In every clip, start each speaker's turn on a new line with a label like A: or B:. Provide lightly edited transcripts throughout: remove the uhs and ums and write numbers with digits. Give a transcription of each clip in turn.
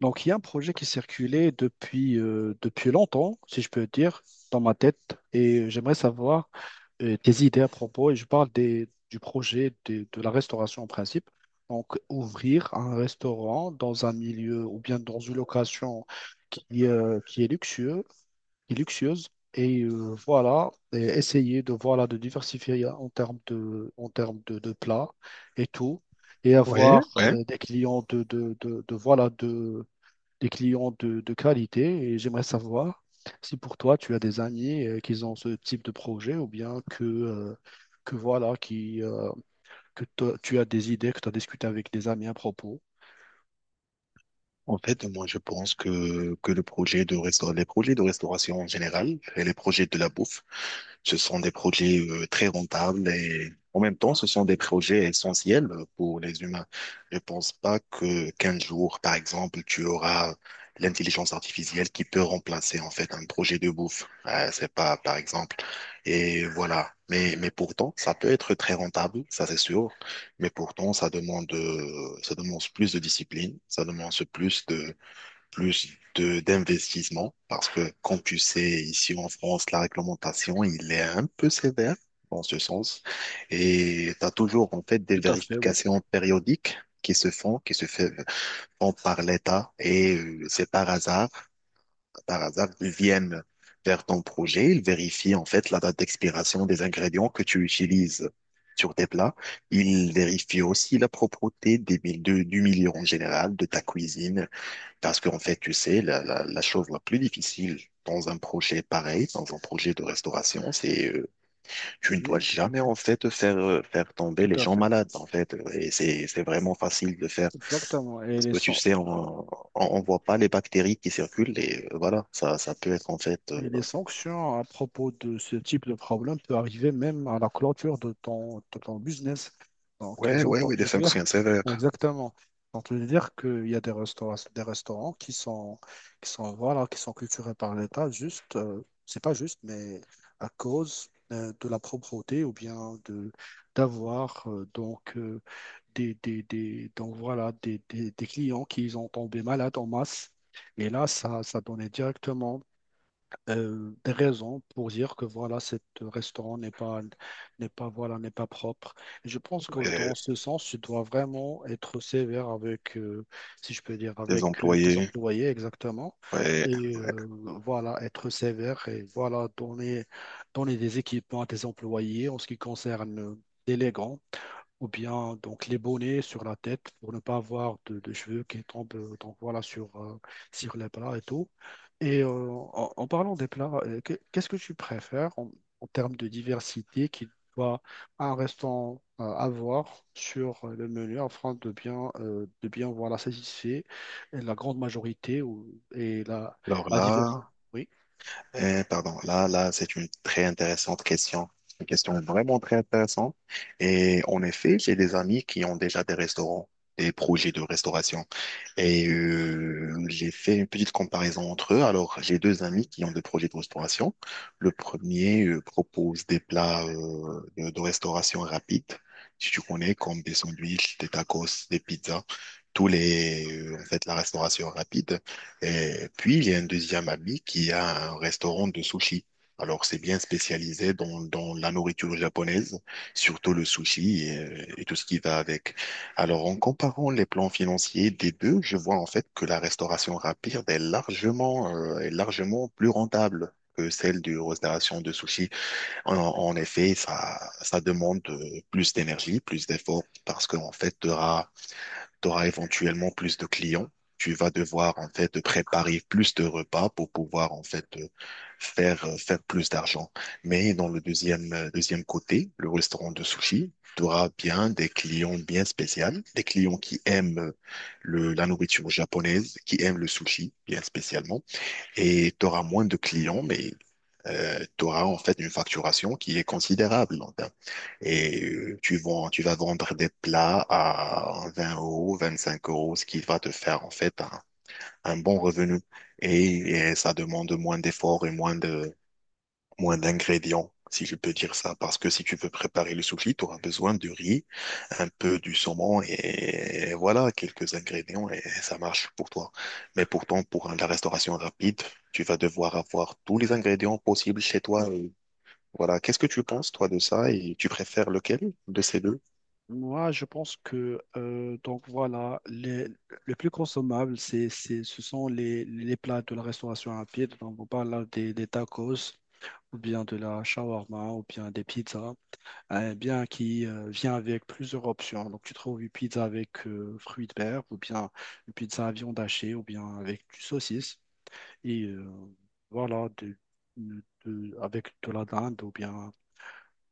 A: Donc, il y a un projet qui circulait depuis longtemps, si je peux dire, dans ma tête, et j'aimerais savoir tes idées à propos, et je parle du projet de la restauration en principe. Donc, ouvrir un restaurant dans un milieu ou bien dans une location qui, euh, qui est luxueux, qui est luxueuse, voilà, et essayer voilà, de diversifier en termes de plats et tout, et
B: Ouais,
A: avoir
B: ouais.
A: des clients de, voilà, de des clients de qualité. Et j'aimerais savoir si pour toi tu as des amis qui ont ce type de projet ou bien que voilà, qui, que toi- tu as des idées, que tu as discuté avec des amis à propos.
B: En fait, moi, je pense que le projet de resta- les projets de restauration en général et les projets de la bouffe, ce sont des projets très rentables et en même temps, ce sont des projets essentiels pour les humains. Je pense pas que 15 jours, par exemple, tu auras l'intelligence artificielle qui peut remplacer en fait un projet de bouffe. C'est pas, par exemple, et voilà. Mais pourtant, ça peut être très rentable, ça c'est sûr. Mais pourtant, ça demande plus de discipline, ça demande d'investissement. Parce que, comme tu sais, ici en France, la réglementation, il est un peu sévère dans ce sens. Et tu as toujours, en fait, des
A: Tout à fait, oui.
B: vérifications périodiques qui se font, qui se fait- font par l'État. Et c'est par hasard, ils viennent vers ton projet, ils vérifient en fait la date d'expiration des ingrédients que tu utilises sur tes plats. Ils vérifient aussi la propreté du milieu en général, de ta cuisine, parce qu'en fait, tu sais, la chose la plus difficile dans un projet pareil, dans un projet de restauration, c'est tu ne dois
A: Oui, tout à
B: jamais
A: fait.
B: en fait faire tomber
A: Tout
B: les
A: à
B: gens
A: fait.
B: malades en fait et c'est vraiment facile de faire
A: Exactement. Et
B: parce
A: les,
B: que tu sais on voit pas les bactéries qui circulent et voilà, ça peut être en fait
A: Et les sanctions à propos de ce type de problème peuvent arriver même à la clôture de ton business. Donc,
B: ouais,
A: j'ai
B: ouais, ouais. Des
A: entendu
B: sanctions
A: dire,
B: sévères.
A: exactement, j'ai entendu dire qu'il y a des restaurants, voilà, qui sont culturés par l'État, juste, c'est pas juste, mais à cause de la propreté ou bien de d'avoir des clients qui ont tombé malades en masse. Et là, ça donnait directement des raisons pour dire que voilà, cet restaurant n'est pas, n'est pas, voilà, n'est pas propre. Et je pense que
B: Ouais.
A: dans ce sens, tu dois vraiment être sévère avec, si je peux dire,
B: Des
A: avec tes
B: employés.
A: employés, exactement.
B: Ouais,
A: Et
B: ouais.
A: euh, voilà, être sévère et voilà, donner des équipements à tes employés en ce qui concerne, l'élégance ou bien donc les bonnets sur la tête pour ne pas avoir de cheveux qui tombent, donc voilà, sur les plats et tout. En parlant des plats, qu'est-ce que tu préfères en termes de diversité qu'il doit un restaurant avoir sur le menu afin de bien voilà satisfaire la grande majorité, ou, et la,
B: Alors
A: la diversité.
B: là. Pardon, là, là, c'est une très intéressante question. Une question vraiment très intéressante. Et en effet, j'ai des amis qui ont déjà des restaurants, des projets de restauration. Et j'ai fait une petite comparaison entre eux. Alors, j'ai deux amis qui ont des projets de restauration. Le premier propose des plats de restauration rapide, si tu connais, comme des sandwichs, des tacos, des pizzas, tous les, en fait, la restauration rapide. Et puis, il y a un deuxième ami qui a un restaurant de sushi. Alors, c'est bien spécialisé dans la nourriture japonaise, surtout le sushi et tout ce qui va avec. Alors, en comparant les plans financiers des deux, je vois en fait que la restauration rapide est largement plus rentable que celle de restauration de sushi. En effet, ça demande plus d'énergie, plus d'efforts, parce qu'en fait, tu auras éventuellement plus de clients. Tu vas devoir en fait préparer plus de repas pour pouvoir en fait faire plus d'argent. Mais dans le deuxième côté, le restaurant de sushi, tu auras bien des clients bien spéciaux, des clients qui aiment le la nourriture japonaise, qui aiment le sushi bien spécialement, et tu auras moins de clients, mais tu auras en fait une facturation qui est considérable en termes et tu vas vendre des plats à 20 euros, 25 euros, ce qui va te faire en fait un bon revenu. Et, et ça demande moins d'efforts et moins d'ingrédients, si je peux dire ça. Parce que si tu veux préparer le soufli, tu auras besoin de riz, un peu du saumon et, voilà, quelques ingrédients et ça marche pour toi. Mais pourtant, pour la restauration rapide, tu vas devoir avoir tous les ingrédients possibles chez toi. Voilà, qu'est-ce que tu penses, toi, de ça et tu préfères lequel de ces deux?
A: Moi, je pense que donc voilà, le plus consommable, ce sont les plats de la restauration rapide. Donc, on parle là des tacos, ou bien de la shawarma, ou bien des pizzas, eh bien qui vient avec plusieurs options. Donc, tu trouves une pizza avec fruits de mer, ou bien une pizza à viande hachée, ou bien avec du saucisse. Et euh, voilà, de, avec de la dinde, ou bien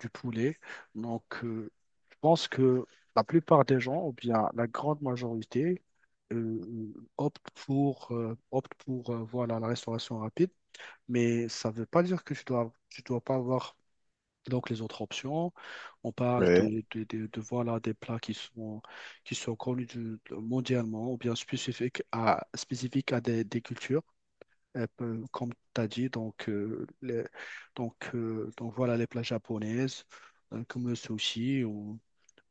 A: du poulet. Donc, je pense que la plupart des gens, ou bien la grande majorité, euh, optent pour, voilà, la restauration rapide. Mais ça ne veut pas dire que tu dois pas avoir donc les autres options. On parle
B: Ouais,
A: voilà, des plats qui sont connus mondialement ou bien spécifiques à des cultures, comme tu as dit, donc voilà les plats japonaises, comme le sushi,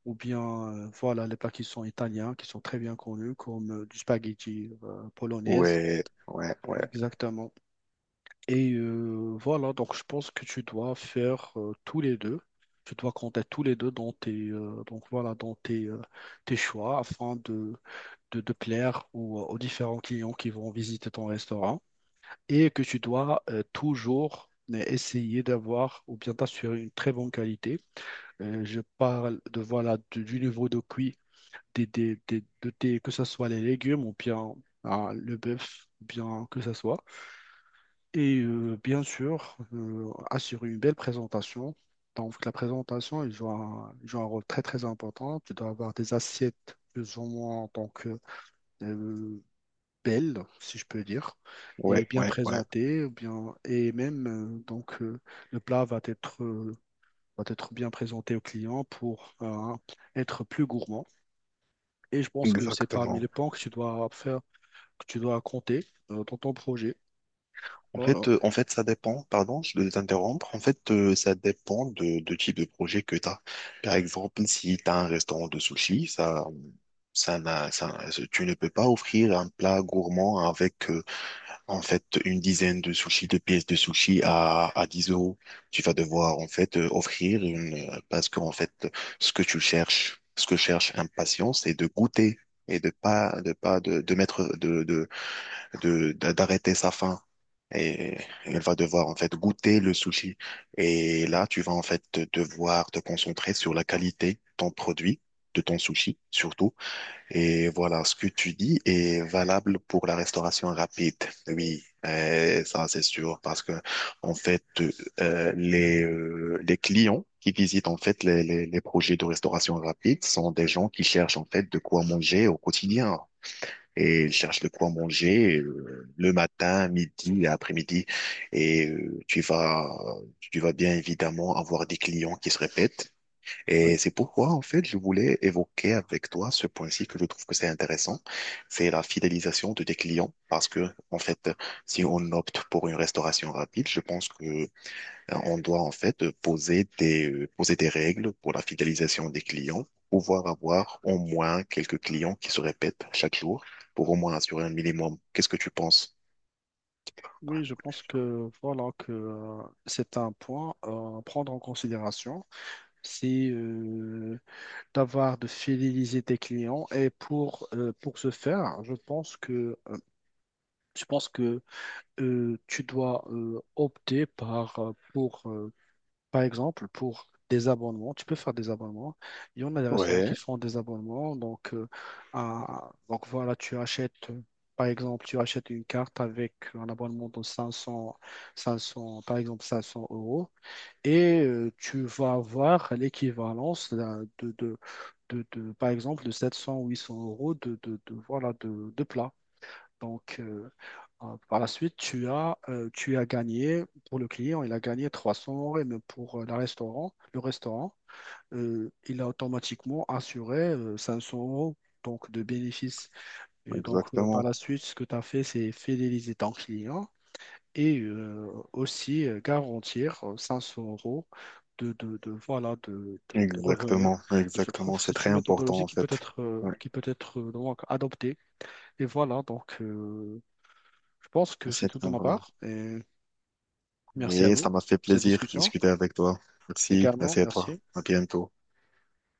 A: ou bien voilà les plats qui sont italiens, qui sont très bien connus, comme du spaghetti polonaise.
B: ouais, ouais, ouais,
A: Ouais, exactement. Voilà, donc je pense que tu dois faire, tous les deux. Tu dois compter tous les deux dans tes, tes choix afin de plaire aux différents clients qui vont visiter ton restaurant, et que tu dois toujours essayer d'avoir ou bien t'assurer une très bonne qualité. Je parle voilà, du niveau de cuit, que ce soit les légumes ou bien, ah, le bœuf, ou bien que ce soit. Et bien sûr, assurer une belle présentation. Donc la présentation, elle joue un rôle très très important. Tu dois avoir des assiettes plus ou moins donc, euh, belle, si je peux dire, et
B: ouais,
A: bien
B: ouais, ouais,
A: présentée, ou bien, et même, euh, donc euh, le plat va être bien présenté au client pour être plus gourmand. Et je pense que c'est parmi
B: exactement.
A: les points que tu dois faire, que tu dois compter, dans ton projet. Voilà.
B: En fait, ça dépend, pardon, je vais t'interrompre. En fait, ça dépend de type de projet que tu as. Par exemple, si tu as un restaurant de sushi, ça n'a, ça, tu ne peux pas offrir un plat gourmand avec, en fait, une dizaine de sushis, de pièces de sushi à 10 euros. Tu vas devoir, en fait, offrir une, parce qu'en fait, ce que tu cherches, ce que cherche un patient, c'est de goûter, et de pas de mettre d'arrêter sa faim, et elle va devoir en fait goûter le sushi. Et là, tu vas en fait devoir te concentrer sur la qualité de ton produit, de ton sushi surtout. Et voilà, ce que tu dis est valable pour la restauration rapide. Oui, ça c'est sûr parce que en fait les clients qui visitent en fait les projets de restauration rapide sont des gens qui cherchent en fait de quoi manger au quotidien et il cherche de quoi manger le matin, midi et après-midi. Et tu vas bien évidemment avoir des clients qui se répètent. Et
A: Oui.
B: c'est pourquoi, en fait, je voulais évoquer avec toi ce point-ci que je trouve que c'est intéressant. C'est la fidélisation de tes clients. Parce que, en fait, si on opte pour une restauration rapide, je pense que on doit en fait poser des règles pour la fidélisation des clients, pouvoir avoir au moins quelques clients qui se répètent chaque jour pour au moins assurer un minimum. Qu'est-ce que tu penses?
A: Oui, je pense que c'est un point, à prendre en considération. C'est, d'avoir de fidéliser tes clients, et pour ce faire, je pense que, je pense que tu dois, opter pour, par exemple, pour des abonnements. Tu peux faire des abonnements. Il y en a des restaurants
B: Ouais,
A: qui font des abonnements. Donc, donc voilà, tu achètes, par exemple, tu achètes une carte avec un abonnement de 500, 500 par exemple, 500 euros. Et tu vas avoir l'équivalence par exemple, de 700 ou cents euros voilà, de plats. Donc, par la suite, tu as gagné, pour le client, il a gagné 300 euros, et même pour le restaurant, il a automatiquement assuré 500 euros donc, de bénéfices. Et donc, par
B: exactement,
A: la suite, ce que tu as fait, c'est fidéliser ton client, et aussi garantir 500 euros voilà, de revenus.
B: exactement,
A: Et je trouve
B: exactement.
A: que
B: C'est
A: c'est
B: très
A: une
B: important
A: méthodologie
B: en
A: qui peut
B: fait.
A: être, euh,
B: Ouais,
A: qui peut être euh, donc, adoptée. Et voilà, donc, je pense que c'est
B: c'est
A: tout
B: très
A: de ma
B: important.
A: part, et merci à
B: Et ça
A: vous
B: m'a fait
A: pour cette
B: plaisir de
A: discussion.
B: discuter avec toi. Merci,
A: Également.
B: merci à toi.
A: Merci.
B: À bientôt.